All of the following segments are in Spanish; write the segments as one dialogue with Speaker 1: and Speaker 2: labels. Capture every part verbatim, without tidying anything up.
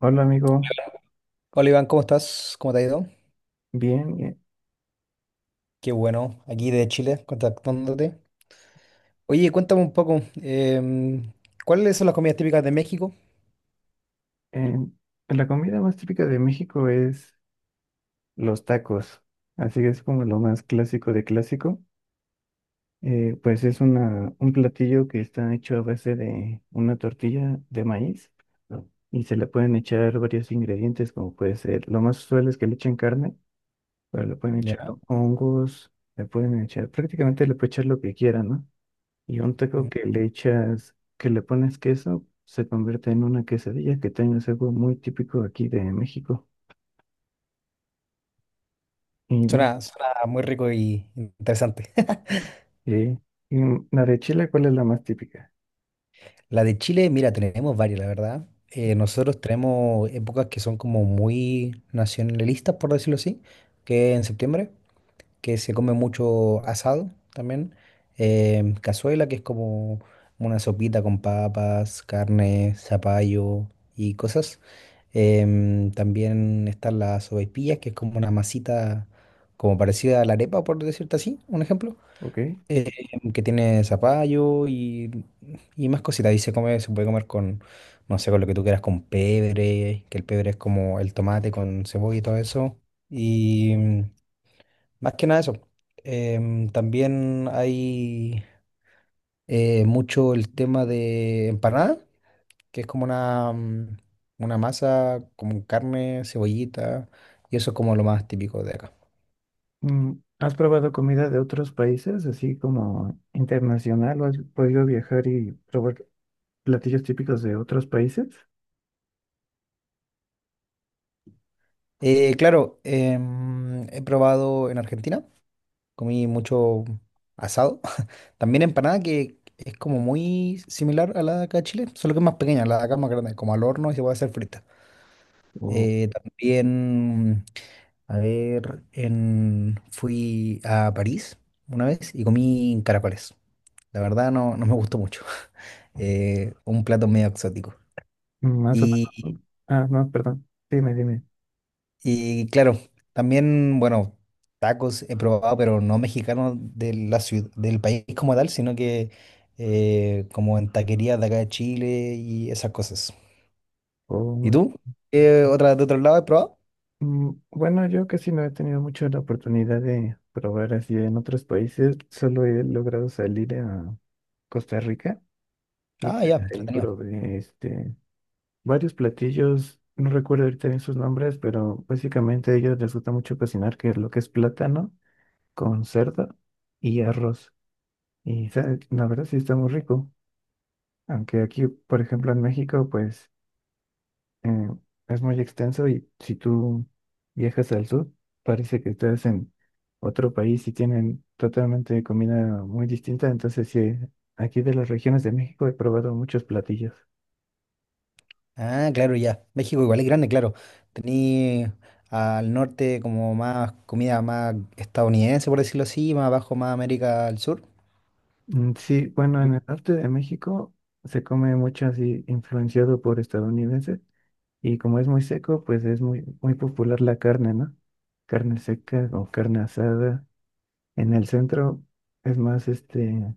Speaker 1: Hola amigo,
Speaker 2: Hola Iván, ¿cómo estás? ¿Cómo te ha ido?
Speaker 1: bien. eh,
Speaker 2: Qué bueno, aquí de Chile, contactándote. Oye, cuéntame un poco, em, ¿cuáles son las comidas típicas de México?
Speaker 1: em, la comida más típica de México es los tacos, así que es como lo más clásico de clásico. Eh, pues es una, un platillo que está hecho a base de una tortilla de maíz y se le pueden echar varios ingredientes, como puede ser, lo más usual es que le echen carne, pero le pueden echar
Speaker 2: Ya.
Speaker 1: hongos, le pueden echar, prácticamente le pueden echar lo que quieran, ¿no? Y un
Speaker 2: Mm.
Speaker 1: taco que le echas, que le pones queso, se convierte en una quesadilla, que también es algo muy típico aquí de México. Y, ma-
Speaker 2: Suena, suena muy rico y interesante.
Speaker 1: eh, y mm, la de Chile, ¿cuál es la más típica?
Speaker 2: La de Chile, mira, tenemos varias, la verdad. Eh, nosotros tenemos épocas que son como muy nacionalistas, por decirlo así, que en septiembre, que se come mucho asado también. Eh, cazuela, que es como una sopita con papas, carne, zapallo y cosas. Em, también están las sopaipillas, que es como una masita como parecida a la arepa, por decirte así, un ejemplo.
Speaker 1: ¿Ok?
Speaker 2: Em, que tiene zapallo y, y más cositas. Y se come, se puede comer con, no sé, con lo que tú quieras, con pebre, que el pebre es como el tomate con cebolla y todo eso. Y más que nada eso. Em, también hay eh, mucho el tema de empanada, que es como una, mm, una masa con carne, cebollita, y eso es como lo más típico de acá.
Speaker 1: Mm, ¿has probado comida de otros países, así como internacional, o has podido viajar y probar platillos típicos de otros países?
Speaker 2: Eh, claro, em, he probado en Argentina, comí mucho asado. También empanada que es como muy similar a la de acá de Chile, solo que es más pequeña, la de acá es más grande, como al horno y se puede hacer frita.
Speaker 1: O
Speaker 2: Eh, también A ver, en- fui a París una vez y comí caracoles. La verdad no, no me gustó mucho. Eh, un plato medio exótico.
Speaker 1: mm, más o menos,
Speaker 2: Y,
Speaker 1: ¿no? Ah, no, perdón. Dime, dime.
Speaker 2: y claro, también, bueno, tacos he probado, pero no mexicanos de la ciudad, del país como tal, sino que eh, como en taquerías de acá de Chile y esas cosas. ¿Y tú? ¿Qué otra, de otro lado he probado?
Speaker 1: Mm, bueno, yo casi no he tenido mucho la oportunidad de probar así en otros países. Solo he logrado salir a Costa Rica y
Speaker 2: Ah,
Speaker 1: pues,
Speaker 2: ya,
Speaker 1: ahí
Speaker 2: entretenido.
Speaker 1: probé este, varios platillos. No recuerdo ahorita bien sus nombres, pero básicamente a ellos les gusta mucho cocinar, que es lo que es plátano con cerdo y arroz. Y sa- la verdad sí está muy rico. Aunque aquí, por ejemplo, en México, pues eh, es muy extenso y si tú viajas al sur, parece que estás en otro país y tienen totalmente comida muy distinta. Entonces, sí, aquí de las regiones de México he probado muchos platillos.
Speaker 2: Ah, claro, ya. México igual es grande, claro. Tení al norte como más comida más estadounidense, por decirlo así, más abajo más América del Sur.
Speaker 1: Mm, sí, bueno, en el norte de México se come mucho así influenciado por estadounidenses y como es muy seco, pues es muy, muy popular la carne, ¿no? Carne seca o carne asada. En el centro es más este...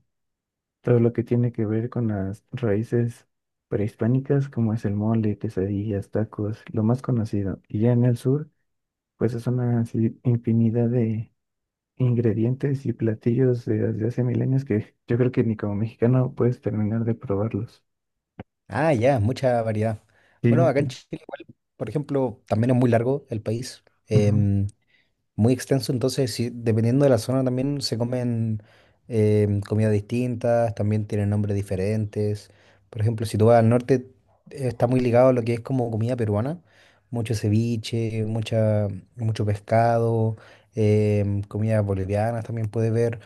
Speaker 1: todo lo que tiene que ver con las raíces prehispánicas, como es el mole, quesadillas, tacos, lo más conocido. Y ya en el sur, pues es una así infinidad de ingredientes y platillos de- desde hace milenios que yo creo que ni como mexicano puedes terminar de probarlos.
Speaker 2: Ah, ya, mucha variedad.
Speaker 1: Sí,
Speaker 2: Bueno,
Speaker 1: ok.
Speaker 2: acá en Chile igual, por ejemplo, también es muy largo el país.
Speaker 1: Ujú,
Speaker 2: Em, muy extenso, entonces sí, dependiendo de la zona también se comen em, comidas distintas, también tienen nombres diferentes. Por ejemplo, si tú vas al norte, eh, está muy ligado a lo que es como comida peruana, mucho ceviche, mucha, mucho pescado, em, comidas bolivianas también puede ver.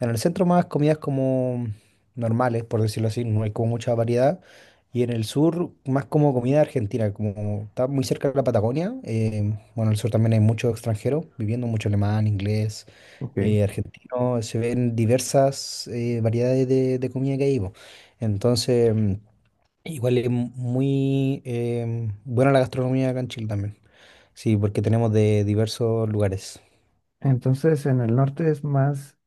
Speaker 2: En el centro más comidas como normales, por decirlo así, no hay como mucha variedad. Y en el sur más como comida argentina, como está muy cerca de la Patagonia. Eh, bueno, en el sur también hay muchos extranjeros viviendo, mucho alemán, inglés,
Speaker 1: ok.
Speaker 2: eh, argentino. Se ven diversas eh, variedades de, de comida que hay. Po. Entonces, mm, igual es muy eh, buena la gastronomía acá en Chile también. Sí, porque tenemos de diversos lugares.
Speaker 1: Entonces, en el norte es más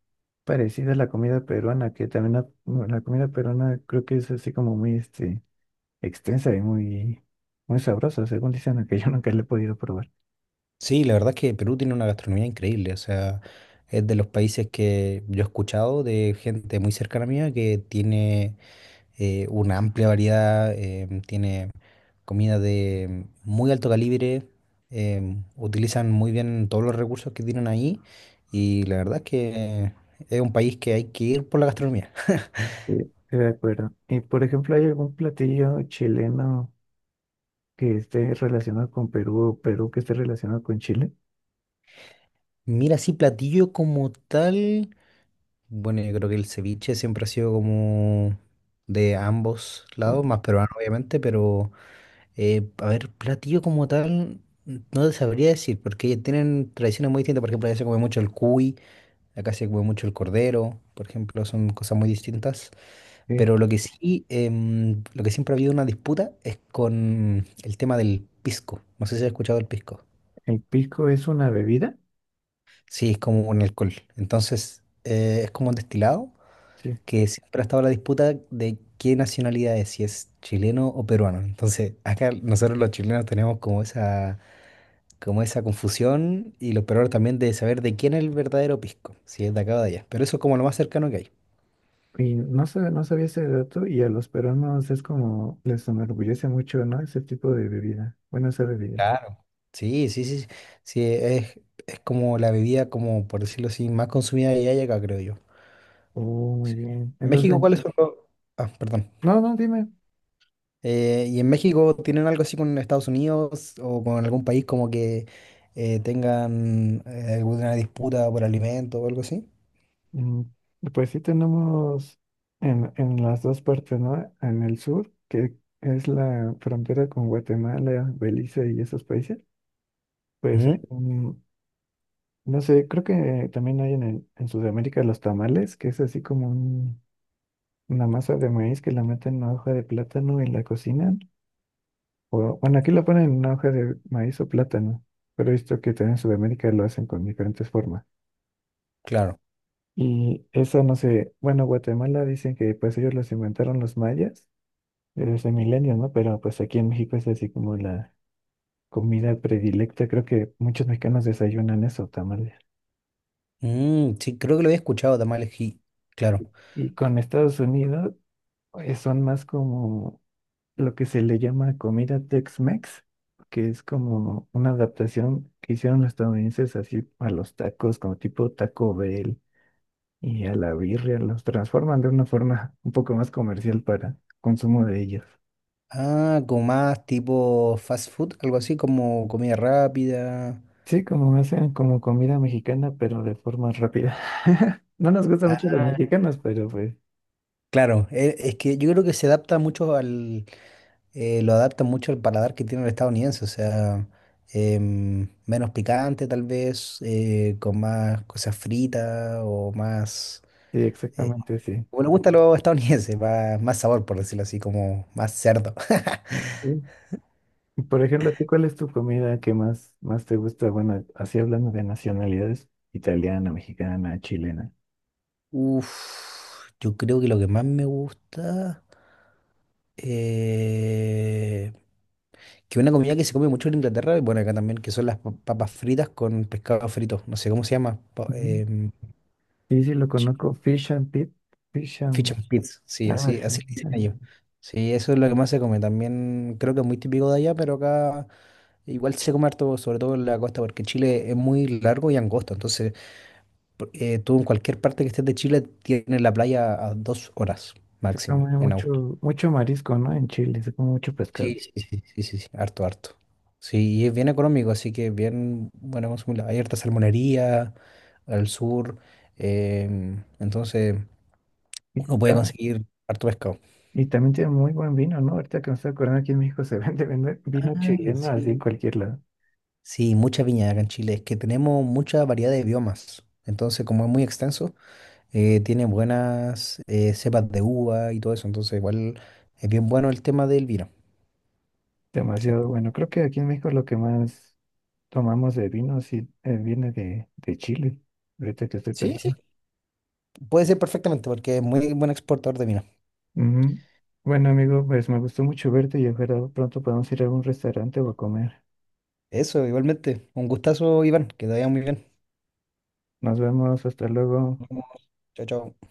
Speaker 1: parecida a la comida peruana, que también la, la comida peruana creo que es así como muy, este, extensa y muy, muy sabrosa, según dicen, aunque yo nunca la he podido probar.
Speaker 2: Sí, la verdad es que Perú tiene una gastronomía increíble, o sea, es de los países que yo he escuchado de gente muy cercana a mía que tiene eh, una amplia variedad, em, tiene comida de muy alto calibre, em, utilizan muy bien todos los recursos que tienen ahí y la verdad es que es un país que hay que ir por la gastronomía.
Speaker 1: Sí. De acuerdo. Y por ejemplo, ¿hay algún platillo chileno que esté relacionado con Perú o Perú que esté relacionado con Chile?
Speaker 2: Mira, sí, platillo como tal, bueno, yo creo que el ceviche siempre ha sido como de ambos lados, más peruano obviamente, pero… Eh, a ver, platillo como tal, no te sabría decir, porque tienen tradiciones muy distintas. Por ejemplo, allá se come mucho el cuy, acá se come mucho el cordero, por ejemplo, son cosas muy distintas.
Speaker 1: Sí.
Speaker 2: Pero lo que sí, em, lo que siempre ha habido una disputa es con el tema del pisco. No sé si has escuchado el pisco.
Speaker 1: El pisco es una bebida.
Speaker 2: Sí, es como un alcohol. Entonces, eh, es como un destilado
Speaker 1: Sí.
Speaker 2: que siempre ha estado la disputa de qué nacionalidad es, si es chileno o peruano. Entonces, acá nosotros los chilenos tenemos como esa como esa confusión y lo peor también de saber de quién es el verdadero pisco, si es de acá o de allá. Pero eso es como lo más cercano que hay.
Speaker 1: Y no sabía no sabía ese dato y a los peruanos es como les enorgullece mucho, ¿no? Ese tipo de bebida. Bueno, esa bebida.
Speaker 2: Claro. Sí, sí, sí, sí, es, es como la bebida, como por decirlo así, más consumida de allá y acá, creo yo.
Speaker 1: Oh, muy
Speaker 2: Sí.
Speaker 1: bien.
Speaker 2: ¿En
Speaker 1: Entonces,
Speaker 2: México
Speaker 1: ven.
Speaker 2: cuáles son los…? Ah, perdón.
Speaker 1: No, no, dime.
Speaker 2: Eh, ¿y en México tienen algo así con Estados Unidos o con algún país como que eh, tengan eh, alguna disputa por alimento o algo así?
Speaker 1: Mm, pues sí tenemos en, en las dos partes, ¿no? En el sur, que es la frontera con Guatemala, Belice y esos países, pues hay
Speaker 2: Ujú.
Speaker 1: un- no sé, creo que también hay en, el- en Sudamérica los tamales, que es así como un- una masa de maíz que la meten en una hoja de plátano y la cocinan. O, bueno, aquí la ponen en una hoja de maíz o plátano, pero he visto que también en Sudamérica lo hacen con diferentes formas.
Speaker 2: Claro.
Speaker 1: Y eso no sé, bueno, Guatemala dicen que pues ellos los inventaron los mayas eres de milenios, ¿no? Pero pues aquí en México es así como la comida predilecta. Creo que muchos mexicanos desayunan eso, tamales.
Speaker 2: Mm, sí, creo que lo había escuchado, tamales, sí, claro.
Speaker 1: Y con Estados Unidos eh, son más como lo que se le llama comida Tex-Mex, que es como una adaptación que hicieron los estadounidenses así a los tacos, como tipo Taco Bell y a la birria. Los transforman de una forma un poco más comercial para consumo de ellos.
Speaker 2: Ah, como más tipo fast food, algo así como comida rápida.
Speaker 1: Sí, como hacen como comida mexicana, pero de forma rápida. No nos gustan mucho los
Speaker 2: Ah,
Speaker 1: mexicanos, pero pues
Speaker 2: claro, e- es que yo creo que se adapta mucho al, eh, lo adapta mucho al paladar que tiene el estadounidense, o sea, em, menos picante tal vez, eh, con más cosas fritas o más,
Speaker 1: sí,
Speaker 2: eh,
Speaker 1: exactamente sí.
Speaker 2: como le gusta a los estadounidenses, más, más sabor por decirlo así, como más cerdo.
Speaker 1: Sí. Y por ejemplo, ¿a ti cuál es tu comida que más, más te gusta? Bueno, así hablando de nacionalidades, italiana, mexicana, chilena.
Speaker 2: Uf, yo creo que lo que más me gusta… eh, que una comida que se come mucho en Inglaterra, y bueno, acá también, que son las pa- papas fritas con pescado frito, no sé cómo se llama, pa-
Speaker 1: Ujú.
Speaker 2: em,
Speaker 1: Sí, sí, lo
Speaker 2: Ch-
Speaker 1: conozco, fish and pit, fish
Speaker 2: fish
Speaker 1: and...
Speaker 2: and chips, sí,
Speaker 1: algo
Speaker 2: así,
Speaker 1: así.
Speaker 2: así le dicen
Speaker 1: Ajá.
Speaker 2: ellos. Sí, eso es lo que más se come, también creo que es muy típico de allá, pero acá igual se come harto, sobre todo en la costa, porque Chile es muy largo y angosto, entonces por- eh, tú en cualquier parte que estés de Chile tienes la playa a dos horas
Speaker 1: Se
Speaker 2: máximo
Speaker 1: come
Speaker 2: en auto.
Speaker 1: mucho, mucho marisco, ¿no? En Chile, se come mucho pescado.
Speaker 2: Sí, sí, sí, sí, sí, sí, harto, harto. Sí, y es bien económico, así que bien bueno consumirla. Hay harta salmonería al sur, em, entonces
Speaker 1: Sí.
Speaker 2: uno puede conseguir harto pescado.
Speaker 1: Y también tiene muy buen vino, ¿no? Ahorita que me estoy acordando, aquí en México se vende, vende vino
Speaker 2: Ah,
Speaker 1: chileno así
Speaker 2: sí.
Speaker 1: en cualquier lado.
Speaker 2: Sí, mucha viña acá en Chile. Es que tenemos mucha variedad de biomas. Entonces, como es muy extenso, eh, tiene buenas eh, cepas de uva y todo eso. Entonces, igual es bien bueno el tema del vino. Sí.
Speaker 1: Demasiado bueno. Creo que aquí en México lo que más tomamos de vino sí eh, viene de, de Chile. Ahorita que estoy
Speaker 2: Sí, sí.
Speaker 1: pensando.
Speaker 2: Puede ser perfectamente porque es muy buen exportador de vino.
Speaker 1: Ujú. Bueno, amigo, pues me gustó mucho verte y ojalá pronto podamos ir a algún restaurante o a comer.
Speaker 2: Eso, igualmente. Un gustazo, Iván. Que te vaya muy bien.
Speaker 1: Nos vemos, hasta luego.
Speaker 2: Nos vemos. Chao, chao.